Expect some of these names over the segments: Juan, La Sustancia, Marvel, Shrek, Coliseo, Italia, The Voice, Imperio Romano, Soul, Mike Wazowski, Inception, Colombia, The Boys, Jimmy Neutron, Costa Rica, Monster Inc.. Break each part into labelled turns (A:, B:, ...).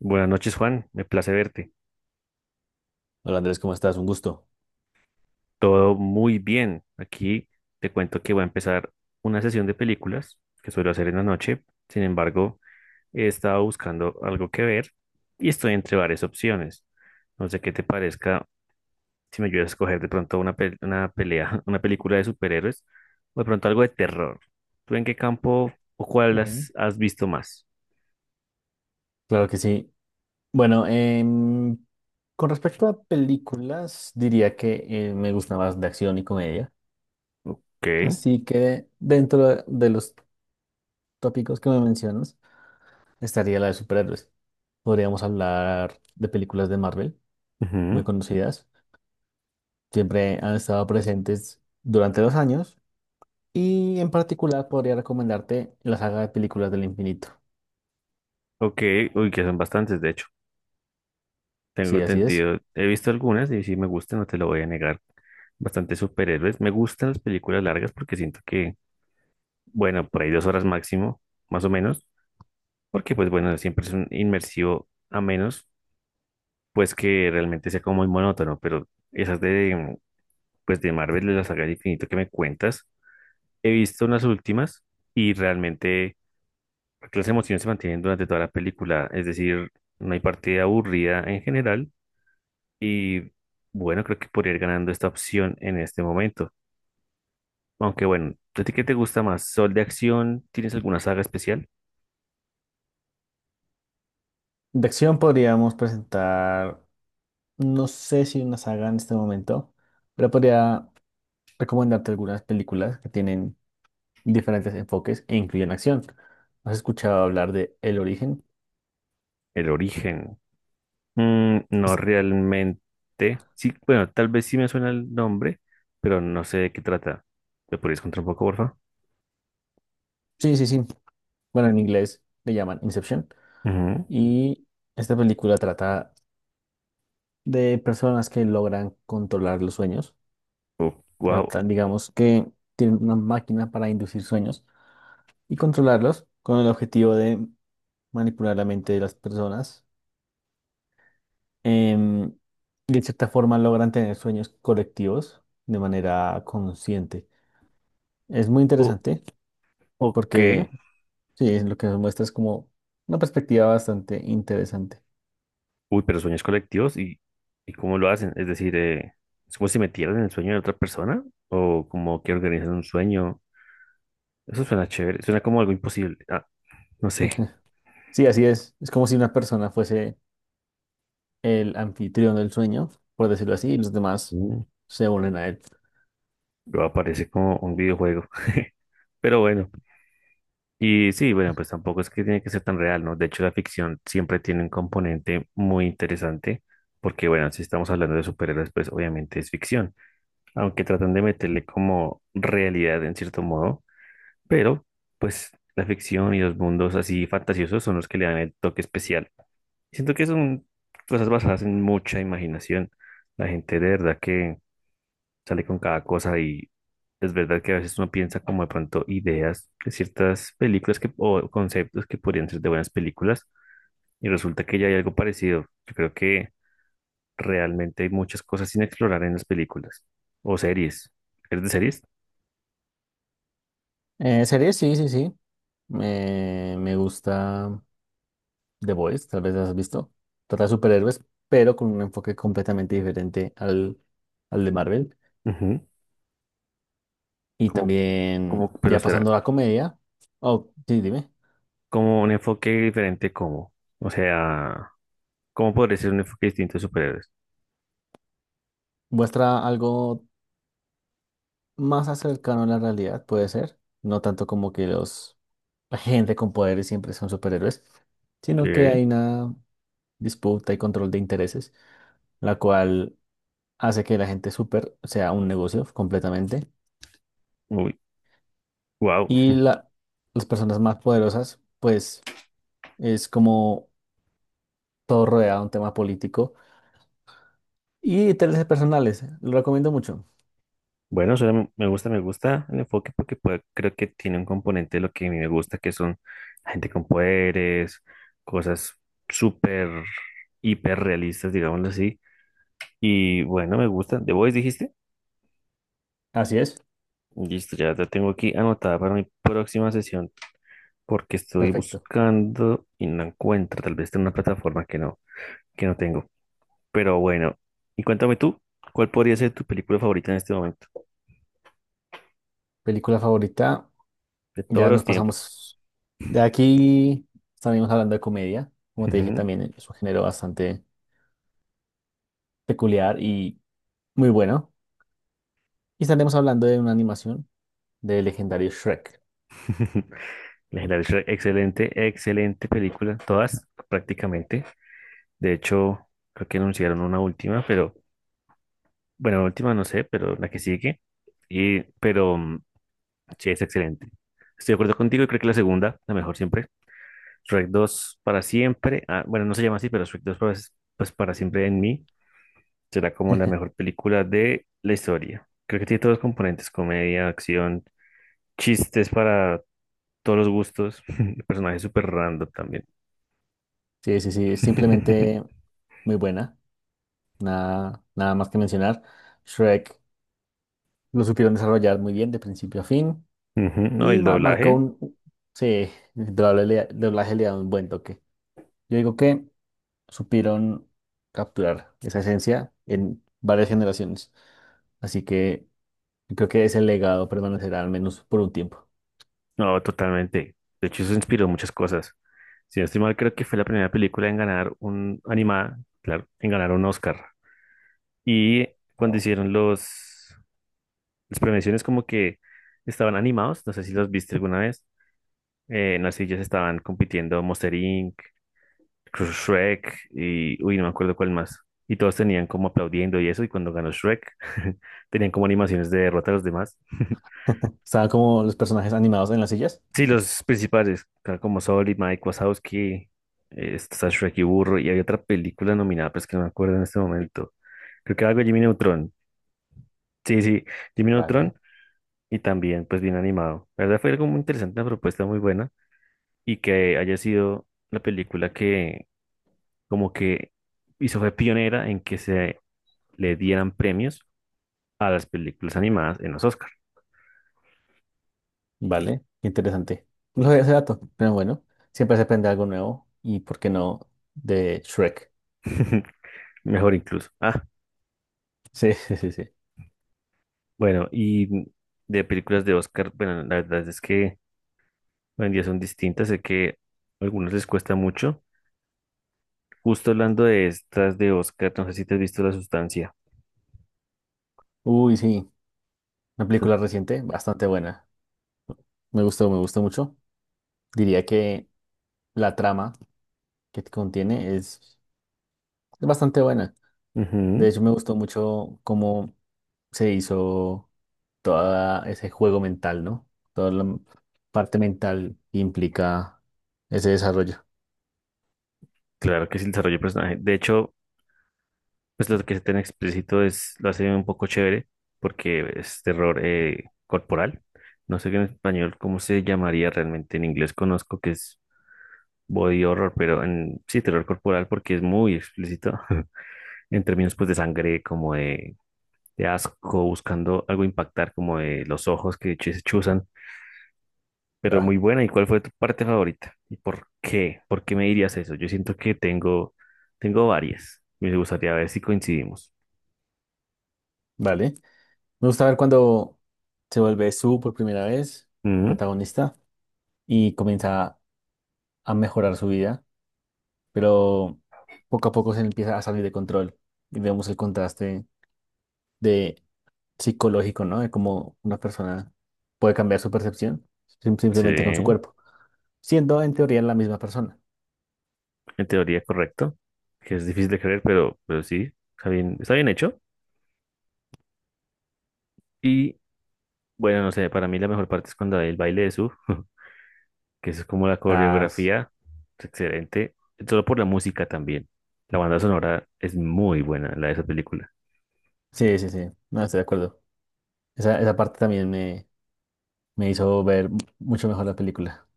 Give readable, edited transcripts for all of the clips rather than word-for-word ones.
A: Buenas noches, Juan. Me place verte.
B: Hola Andrés, ¿cómo estás? Un gusto.
A: Todo muy bien. Aquí te cuento que voy a empezar una sesión de películas que suelo hacer en la noche. Sin embargo, he estado buscando algo que ver y estoy entre varias opciones. No sé qué te parezca si me ayudas a escoger de pronto una, una pelea, una película de superhéroes o de pronto algo de terror. ¿Tú en qué campo o cuál has,
B: Bien.
A: has visto más?
B: Claro que sí. Bueno, con respecto a películas, diría que me gusta más de acción y comedia.
A: Ok.
B: Así que dentro de los tópicos que me mencionas, estaría la de superhéroes. Podríamos hablar de películas de Marvel, muy
A: Ujú.
B: conocidas. Siempre han estado presentes durante los años. Y en particular podría recomendarte la saga de películas del infinito.
A: Ok. Uy, que son bastantes, de hecho. Tengo
B: Sí, así es.
A: entendido, he visto algunas y sí me gustan, no te lo voy a negar. Bastante superhéroes. Me gustan las películas largas porque siento que, bueno, por ahí 2 horas máximo, más o menos, porque pues bueno, siempre es un inmersivo a menos, pues que realmente sea como muy monótono, pero esas de, pues de Marvel, de la saga del infinito que me cuentas, he visto unas últimas y realmente porque las emociones se mantienen durante toda la película, es decir, no hay partida aburrida en general. Y bueno, creo que podría ir ganando esta opción en este momento. Aunque bueno, ¿a ti qué te gusta más? ¿Sol de acción? ¿Tienes alguna saga especial?
B: De acción podríamos presentar. No sé si una saga en este momento, pero podría recomendarte algunas películas que tienen diferentes enfoques e incluyen acción. ¿Has escuchado hablar de El Origen?
A: El origen. Mm, no
B: Es-
A: realmente. Sí, bueno, tal vez sí me suena el nombre, pero no sé de qué trata. ¿Me podrías contar un poco, por favor?
B: Sí, sí, sí. Bueno, en inglés le llaman Inception.
A: Ujú.
B: Y esta película trata de personas que logran controlar los sueños.
A: Oh, wow.
B: Tratan, digamos, que tienen una máquina para inducir sueños y controlarlos con el objetivo de manipular la mente de las personas, em, y de cierta forma logran tener sueños colectivos de manera consciente. Es muy
A: Oh,
B: interesante
A: ok.
B: porque sí, es lo que nos muestra es como una perspectiva bastante interesante.
A: Uy, pero sueños colectivos y cómo lo hacen. Es decir, ¿es como si metieran en el sueño de otra persona? ¿O como que organizan un sueño? Eso suena chévere, suena como algo imposible. No sé.
B: Sí, así es. Es como si una persona fuese el anfitrión del sueño, por decirlo así, y los demás
A: Mm.
B: se unen a él.
A: Pero aparece como un videojuego. Pero bueno, y sí, bueno, pues tampoco es que tiene que ser tan real, ¿no? De hecho, la ficción siempre tiene un componente muy interesante, porque bueno, si estamos hablando de superhéroes, pues obviamente es ficción, aunque tratan de meterle como realidad en cierto modo, pero pues la ficción y los mundos así fantasiosos son los que le dan el toque especial. Siento que son cosas basadas en mucha imaginación. La gente de verdad que sale con cada cosa y es verdad que a veces uno piensa como de pronto ideas de ciertas películas que, o conceptos que podrían ser de buenas películas y resulta que ya hay algo parecido. Yo creo que realmente hay muchas cosas sin explorar en las películas o series. ¿Eres de series?
B: Series, sí, sí, sí. Me gusta The Boys, tal vez las has visto. Trata de superhéroes, pero con un enfoque completamente diferente al de Marvel.
A: Ujú.
B: Y
A: Como,
B: también,
A: pero
B: ya
A: espera,
B: pasando a la comedia, oh, sí, dime,
A: como un enfoque diferente, ¿cómo? O sea, ¿cómo podría ser un enfoque distinto de superhéroes?
B: muestra algo más cercano a la realidad, puede ser, no tanto como que la gente con poderes siempre son superhéroes, sino que
A: ¿Qué?
B: hay una disputa y control de intereses, la cual hace que la gente super sea un negocio completamente,
A: Uy, wow.
B: y la, las personas más poderosas, pues es como todo rodeado de un tema político y intereses personales, lo recomiendo mucho.
A: Bueno, me gusta el enfoque porque creo que tiene un componente de lo que a mí me gusta, que son gente con poderes, cosas súper, hiper realistas, digámoslo así. Y bueno, me gusta. ¿The Voice dijiste?
B: Así es,
A: Listo, ya la tengo aquí anotada para mi próxima sesión porque estoy
B: perfecto.
A: buscando y no encuentro, tal vez está en una plataforma que no tengo. Pero bueno, y cuéntame tú, ¿cuál podría ser tu película favorita en este momento?
B: Película favorita,
A: De todos
B: ya nos
A: los tiempos.
B: pasamos de aquí, estaremos hablando de comedia, como te dije también es un género bastante peculiar y muy bueno. Y estaremos hablando de una animación del legendario Shrek.
A: Legendario Shrek, excelente, excelente película, todas prácticamente. De hecho, creo que anunciaron una última, pero bueno, la última no sé, pero la que sigue. Y, pero sí, es excelente. Estoy de acuerdo contigo y creo que la segunda, la mejor siempre. Shrek dos para siempre. Ah, bueno, no se llama así, pero pues para siempre en mí será como la mejor película de la historia. Creo que tiene todos los componentes, comedia, acción, chistes para todos los gustos. El personaje es súper random también.
B: Sí, sí, sí, es simplemente muy buena, nada, nada más que mencionar. Shrek lo supieron desarrollar muy bien de principio a fin
A: Ujú. No,
B: y
A: el
B: marcó
A: doblaje.
B: un, sí, el doblaje le da un buen toque. Yo digo que supieron capturar esa esencia en varias generaciones. Así que creo que ese legado permanecerá al menos por un tiempo.
A: No, totalmente. De hecho, eso inspiró muchas cosas. Si no estoy mal, creo que fue la primera película en ganar un animada, claro, en ganar un Oscar. Y cuando
B: Wow.
A: hicieron los las premiaciones como que estaban animados, no sé si los viste alguna vez. En las sillas estaban compitiendo Monster Inc., Shrek y uy, no me acuerdo cuál más. Y todos tenían como aplaudiendo y eso, y cuando ganó Shrek, tenían como animaciones de derrota a los demás.
B: Estaban como los personajes animados en las sillas.
A: Sí, los principales, claro, como Soul y Mike Wazowski, está Shrek y Burro, y hay otra película nominada, pero es que no me acuerdo en este momento. Creo que era algo de Jimmy Neutron. Sí, sí, Jimmy
B: Vale.
A: Neutron, y también, pues, bien animado. La verdad fue algo muy interesante, una propuesta muy buena, y que haya sido la película que, como que fue pionera en que se le dieran premios a las películas animadas en los Oscars.
B: Vale, qué interesante. No sabía ese dato, pero bueno, siempre se aprende algo nuevo y, ¿por qué no?, de Shrek.
A: Mejor incluso.
B: Sí, sí, sí, sí.
A: Bueno, y de películas de Oscar, bueno, la verdad es que hoy en día son distintas, sé que a algunos les cuesta mucho. Justo hablando de estas de Oscar, no sé si te has visto La Sustancia.
B: Uy, sí, una
A: Sí.
B: película reciente, bastante buena. Me gustó mucho. Diría que la trama que contiene es bastante buena. De
A: Ujú.
B: hecho, me gustó mucho cómo se hizo todo ese juego mental, ¿no? Toda la parte mental que implica ese desarrollo.
A: Claro que es el desarrollo de personaje. De hecho, pues lo que es tan explícito es, lo hace un poco chévere, porque es terror corporal. No sé en español cómo se llamaría realmente, en inglés conozco que es body horror, pero en sí, terror corporal porque es muy explícito en términos pues de sangre, como de asco, buscando algo impactar como de los ojos que se chuzan, pero
B: Ah,
A: muy buena. ¿Y cuál fue tu parte favorita? ¿Y por qué? ¿Por qué me dirías eso? Yo siento que tengo varias. Me gustaría ver si coincidimos.
B: vale. Me gusta ver cuando se vuelve Su por primera vez, el
A: Ujú.
B: protagonista, y comienza a mejorar su vida, pero poco a poco se empieza a salir de control y vemos el contraste de psicológico, ¿no? De cómo una persona puede cambiar su percepción
A: Sí,
B: simplemente con su
A: en
B: cuerpo, siendo en teoría la misma persona.
A: teoría correcto, que es difícil de creer, pero sí, está bien hecho. Y bueno, no sé, para mí la mejor parte es cuando hay el baile de su, que eso es como la
B: Ah, s-
A: coreografía, es excelente, solo por la música también. La banda sonora es muy buena, la de esa película.
B: sí, sí, sí, no estoy de acuerdo. Esa parte también me hizo ver mucho mejor la película.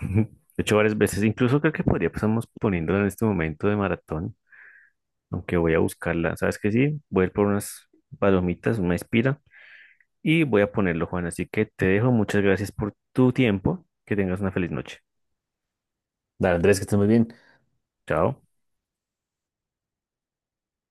A: Ujú. He hecho varias veces, incluso creo que podría pasamos poniéndola en este momento de maratón, aunque voy a buscarla. ¿Sabes qué? Sí, voy a ir por unas palomitas, una espira, y voy a ponerlo, Juan. Así que te dejo, muchas gracias por tu tiempo, que tengas una feliz noche.
B: Dale, Andrés, que estés muy bien.
A: Chao.